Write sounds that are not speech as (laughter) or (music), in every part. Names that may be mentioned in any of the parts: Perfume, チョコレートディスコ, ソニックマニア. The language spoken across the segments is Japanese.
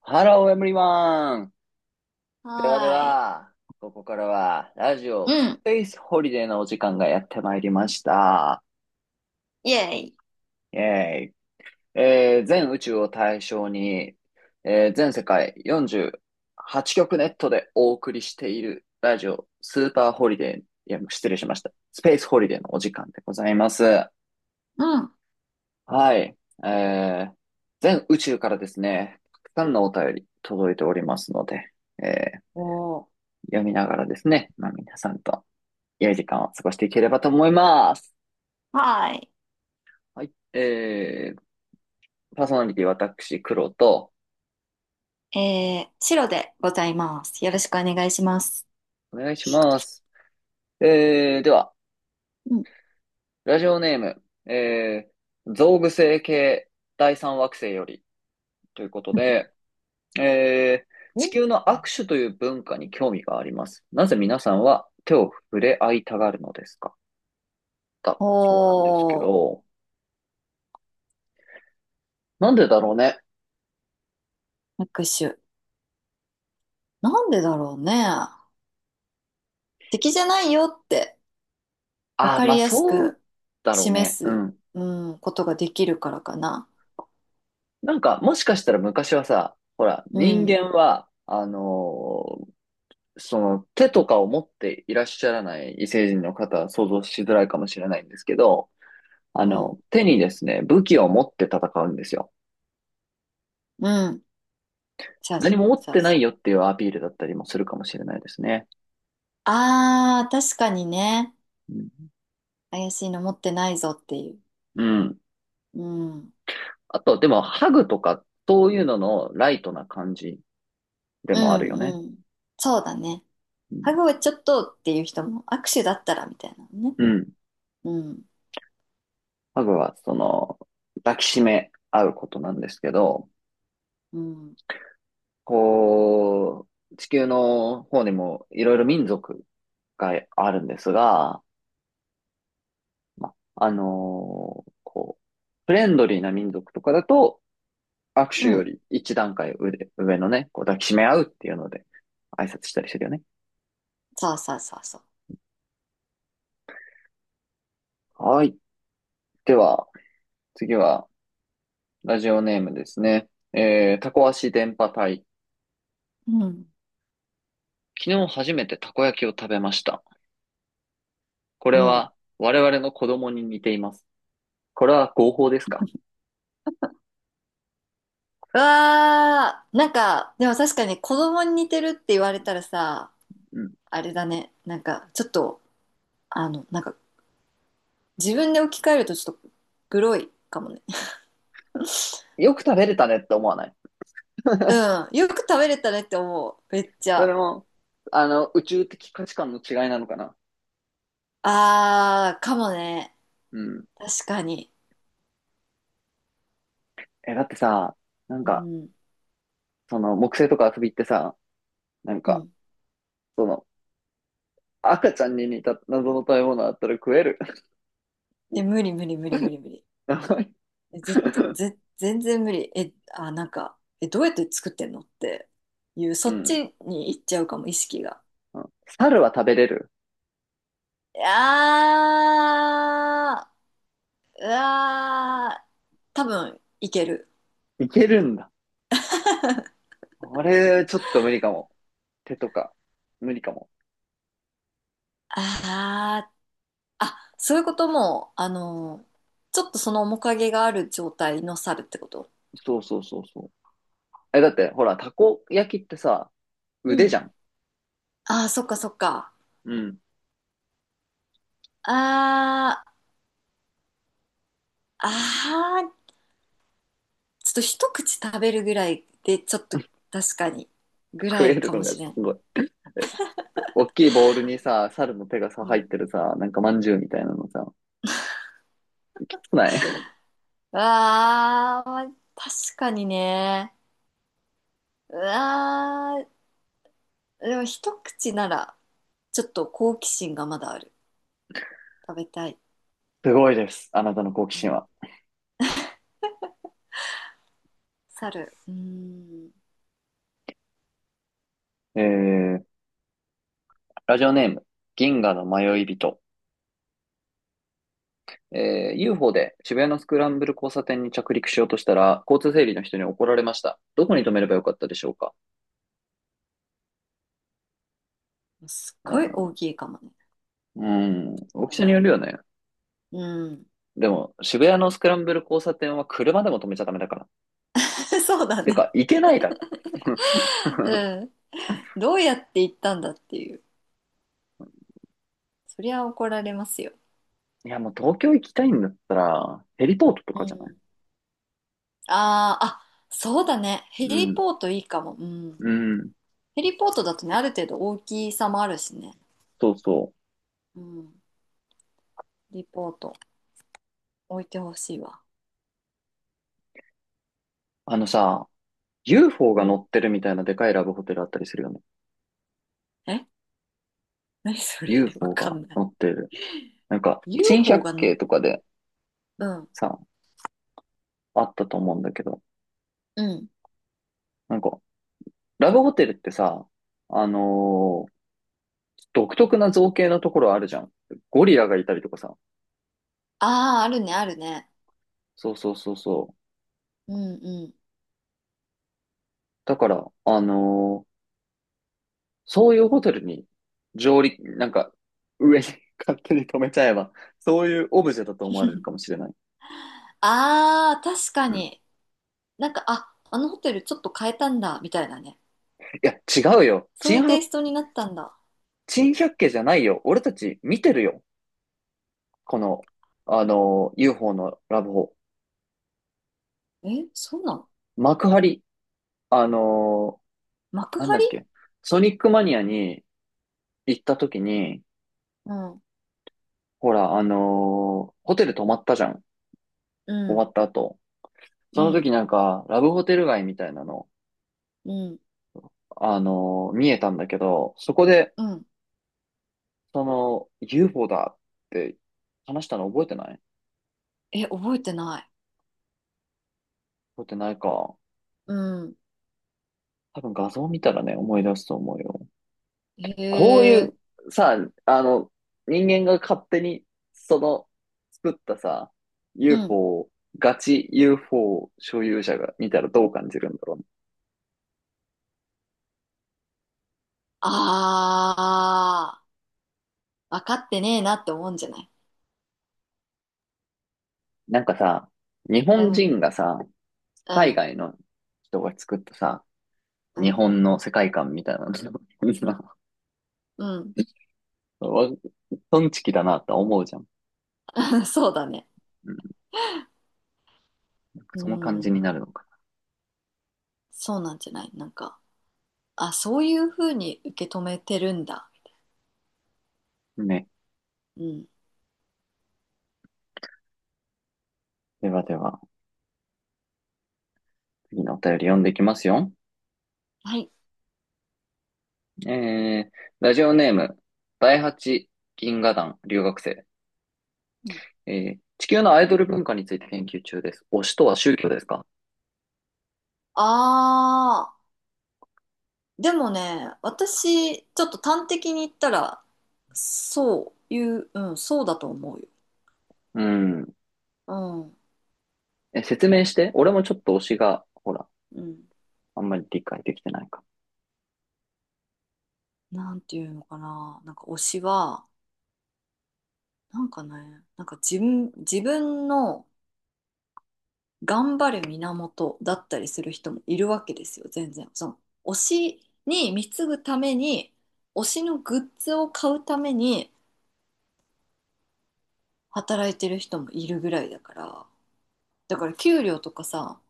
ハロー、エムリマン。ではではーい。は、ここからは、ラジうオスん。ペースホリデーのお時間がやってまいりました。イェイ。イェーイ。全宇宙を対象に、全世界48局ネットでお送りしているラジオスーパーホリデー、いや、失礼しました。スペースホリデーのお時間でございます。うん。はい。えー全宇宙からですね、たくさんのお便り届いておりますので、えーおー、読みながらですね、まあ皆さんと良い時間を過ごしていければと思います。はーはい。えー、パーソナリティ私、黒と、い。白でございます。よろしくお願いします。お願いします。えー、では、うん。ラジオネーム、えー、グ具星系第三惑星よりということ (laughs) で、えー、地球の握手という文化に興味があります。なぜ皆さんは手を触れ合いたがるのですかだ、おそうなんですけおー、ど、なんでだろうね。拍手。なんでだろうね。敵じゃないよって分あ、かまありやすそうくだろう示ね。うす、ん。うん、ことができるからかな。なんか、もしかしたら昔はさ、ほら、う人ん、間は、その手とかを持っていらっしゃらない異星人の方は想像しづらいかもしれないんですけど、あうん、の、手にですね、武器を持って戦うんですよ。うん。そう何も持っそうてなそいう。よっていうアピールだったりもするかもしれないですね。あー、確かにね。うん怪しいの持ってないぞっていう。うん。うん。あと、でも、ハグとか、そういうののライトな感じでうもあるよね。んうん。そうだね。うん。ハグはちょっとっていう人も握手だったらみたいなのね。うんうん。ハグは、その、抱きしめ合うことなんですけど、うん。こう、地球の方にもいろいろ民族があるんですが、まあ、こう、フレンドリーな民族とかだと、握手うよん。り一段階上で、上のね、こう抱きしめ合うっていうので、挨拶したりしてるよね。そうそうそうそう。はい。では、次は、ラジオネームですね。えー、タコ足電波隊。うん。昨日初めてたこ焼きを食べました。これうん。は、我々の子供に似ています。これは合法ですかうわー、なんか、でも確かに子供に似てるって言われたらさ、うん。あれだね。なんか、ちょっと、なんか、自分で置き換えるとちょっと、グロいかもね。(laughs) よく食べれたねって思わないうん。よく食べれたねって思う。めっちそれゃ。も、あの、宇宙的価値観の違いなのかな。あー、かもね。うん。確かに。え、だってさ、なんうか、ん。その、木星とか遊びってさ、なんうか、ん。その、赤ちゃんに似た謎の食べ物あったら食える。で、無理無理無理無理無理。(laughs) やばいえ絶対、全然無理。え、あ、なんか、え、どうやって作ってんのっていう、うそっん。ちに行っちゃうかも、意識が。うん猿は食べれる。いやー、うわー、多分いける。いけるんだ。あれちょっと無理かも。手とか、無理かも。あー、あ、そういうことも、ちょっとその面影がある状態の猿ってこと。そうそうそうそう。え、だって、ほら、たこ焼きってさ、う腕ん。じゃん。あー、そっかそっか。うん。あー、あー、ちょっと一口食べるぐらいで、ちょっと確かに、ぐ食らえいるかのもがしれすん。ごい。え大きいボウルにさ、猿の手がさ、う入っん。てるさ、なんかまんじゅうみたいなのさ、少ないわー、まあ確かにね。うわー、でも一口なら、ちょっと好奇心がまだある。食べたい。すごいです。あなたの好奇う心ん。は。猿。うーん。えー、ラジオネーム、銀河の迷い人。えー、UFO で渋谷のスクランブル交差点に着陸しようとしたら、交通整理の人に怒られました。どこに止めればよかったでしょうかすっうごいん、大きいかもね。うん大だきさによね。るよね。うん。でも、渋谷のスクランブル交差点は車でも止めちゃダメだから。(laughs) そうだてね。か、行けないだろ。(laughs) うん。どうやって行ったんだっていう。そりゃ怒られますよ。いや、もう東京行きたいんだったら、ヘリポートとうかじゃないん。あー、あ、そうだね。ヘうリん、ポートいいかも。うん。うん、ヘリポートだとね、ある程度大きさもあるしね。そうそう。うん。ヘリポート置いてほしいわ。あのさ、UFO うが乗ん。ってるみたいなでかいラブホテルあったりするよね。え、何それ。 (laughs) わ UFO かがんない。乗ってる。なんか、珍 UFO 百が乗っ、景とかでうん、さ、あったと思うんだけど、うん。なんか、ラブホテルってさ、あのー独特な造形のところあるじゃん。ゴリラがいたりとかさ。ああ、あるね、あるね。そうそうそうそう。うんうん。だから、そういうホテルに上陸、なんか、上に (laughs) 勝手に止めちゃえば、そういうオブジェだと思われるかもしれない。ああ、確かうん。いに。なんか、あ、あのホテルちょっと変えたんだ、みたいなね。や、違うよ。そうい珍うテイ百、ストになったんだ。珍百景じゃないよ。俺たち見てるよ。この、あのー UFO のラブホ。え、そうなの。幕張、あのー幕なんだっ張。け、ソニックマニアに行った時に、うん、ほら、ホテル泊まったじゃん。う終わん、った後。うそのん、時なんか、ラブホテル街みたいなの、うん、見えたんだけど、そこで、うん。その、UFO だって話したの覚えてないえ、覚えてない。覚えてないか。うん。多分画像見たらね、思い出すと思うよ。へこういうえ。さ、あの、人間が勝手にその作ったさ、う UFO ん。を、ガチ UFO 所有者が見たらどう感じるんだろうね。ああ、分かってねえなって思うんじゃない。なんかさ、日う本ん、人がさ、う海ん、外の人が作ったさ、う日ん、本の世界観みたいなの うん。(laughs) わトンチキだなって思うじゃん。(laughs) そうだね。うん、うその感じにん、なるのかそうなんじゃない。なんか、あ、そういうふうに受け止めてるんだ。な。ね。うん。ではでは、次のお便り読んでいきますよ。はい。えー、ラジオネーム、第八銀河団留学生。うん。えー地球のアイドル文化について研究中です。推しとは宗教ですかああ、でもね、私、ちょっと端的に言ったら、そういう、うん、そうだと思うよ。うん。うん、え、説明して。俺もちょっと推しが、ほら、うん。あんまり理解できてないか。なんていうのかな。なんか推しは、なんかね、なんか自分、自分の、頑張る源だったりする人もいるわけですよ、全然。その推しに貢ぐために、推しのグッズを買うために働いてる人もいるぐらいだから、だから給料とかさ、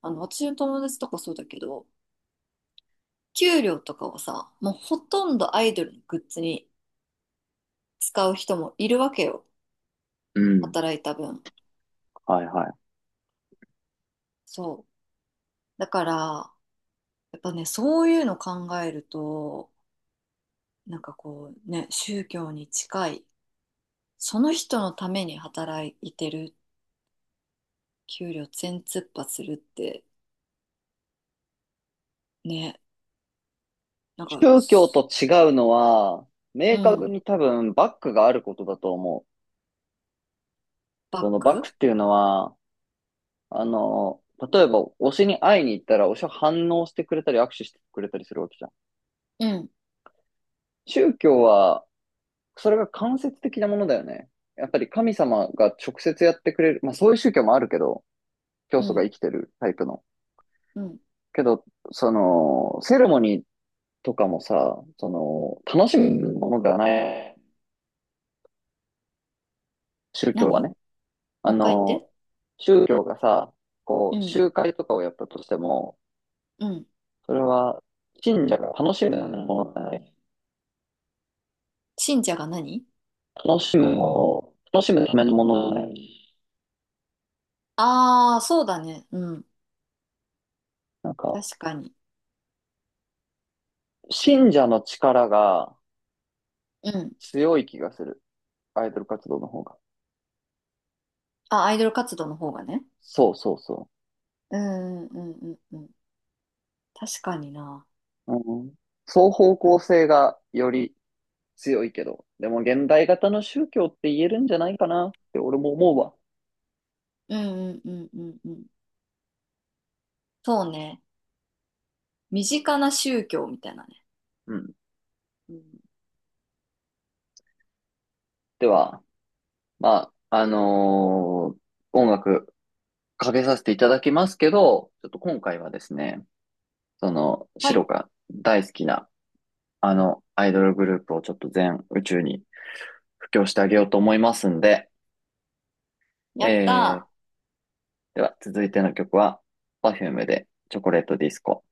あの私の友達とかそうだけど、給料とかをさ、もうほとんどアイドルのグッズに使う人もいるわけよ、うん。働いた分。はいはい。そう。だから、やっぱね、そういうの考えると、なんかこうね、宗教に近い。その人のために働いてる、給料全突破するってね、なんか、宗教す。と違うのは、明う確ん、に多分バックがあることだと思う。バッそのバックク。っていうのは、あの、例えば推しに会いに行ったら推しは反応してくれたり握手してくれたりするわけじゃん。うん、宗教は、それが間接的なものだよね。やっぱり神様が直接やってくれる、まあそういう宗教もあるけど、教う祖がん、生きてるタイプの。うん。けど、その、セレモニーとかもさ、その、楽しむものではない、宗教は何？ね。もあう一回言っの、て。宗教がさ、こうう、ん、集会とかをやったとしても、うん。それは、信者が楽しむものじゃない。信者が何？楽しむものを、楽しむためのものじゃない。ああー、そうだね。うん、なんか、確かに。信者の力がうん。強い気がする。アイドル活動の方が。あ、アイドル活動の方がね。そうそうそうん、うん、うん、うん。確かにな。う。うん、双方向性がより強いけど、でも現代型の宗教って言えるんじゃないかなって俺も思うわ。うん、うん、うん、うん。うん。そうね。身近な宗教みたいなね。うん。うん、では、まあ、音楽かけさせていただきますけど、ちょっと今回はですね、その、はシロい、が大好きなあのアイドルグループをちょっと全宇宙に布教してあげようと思いますんで、えやったー、ー。では続いての曲は、Perfume でチョコレートディスコ。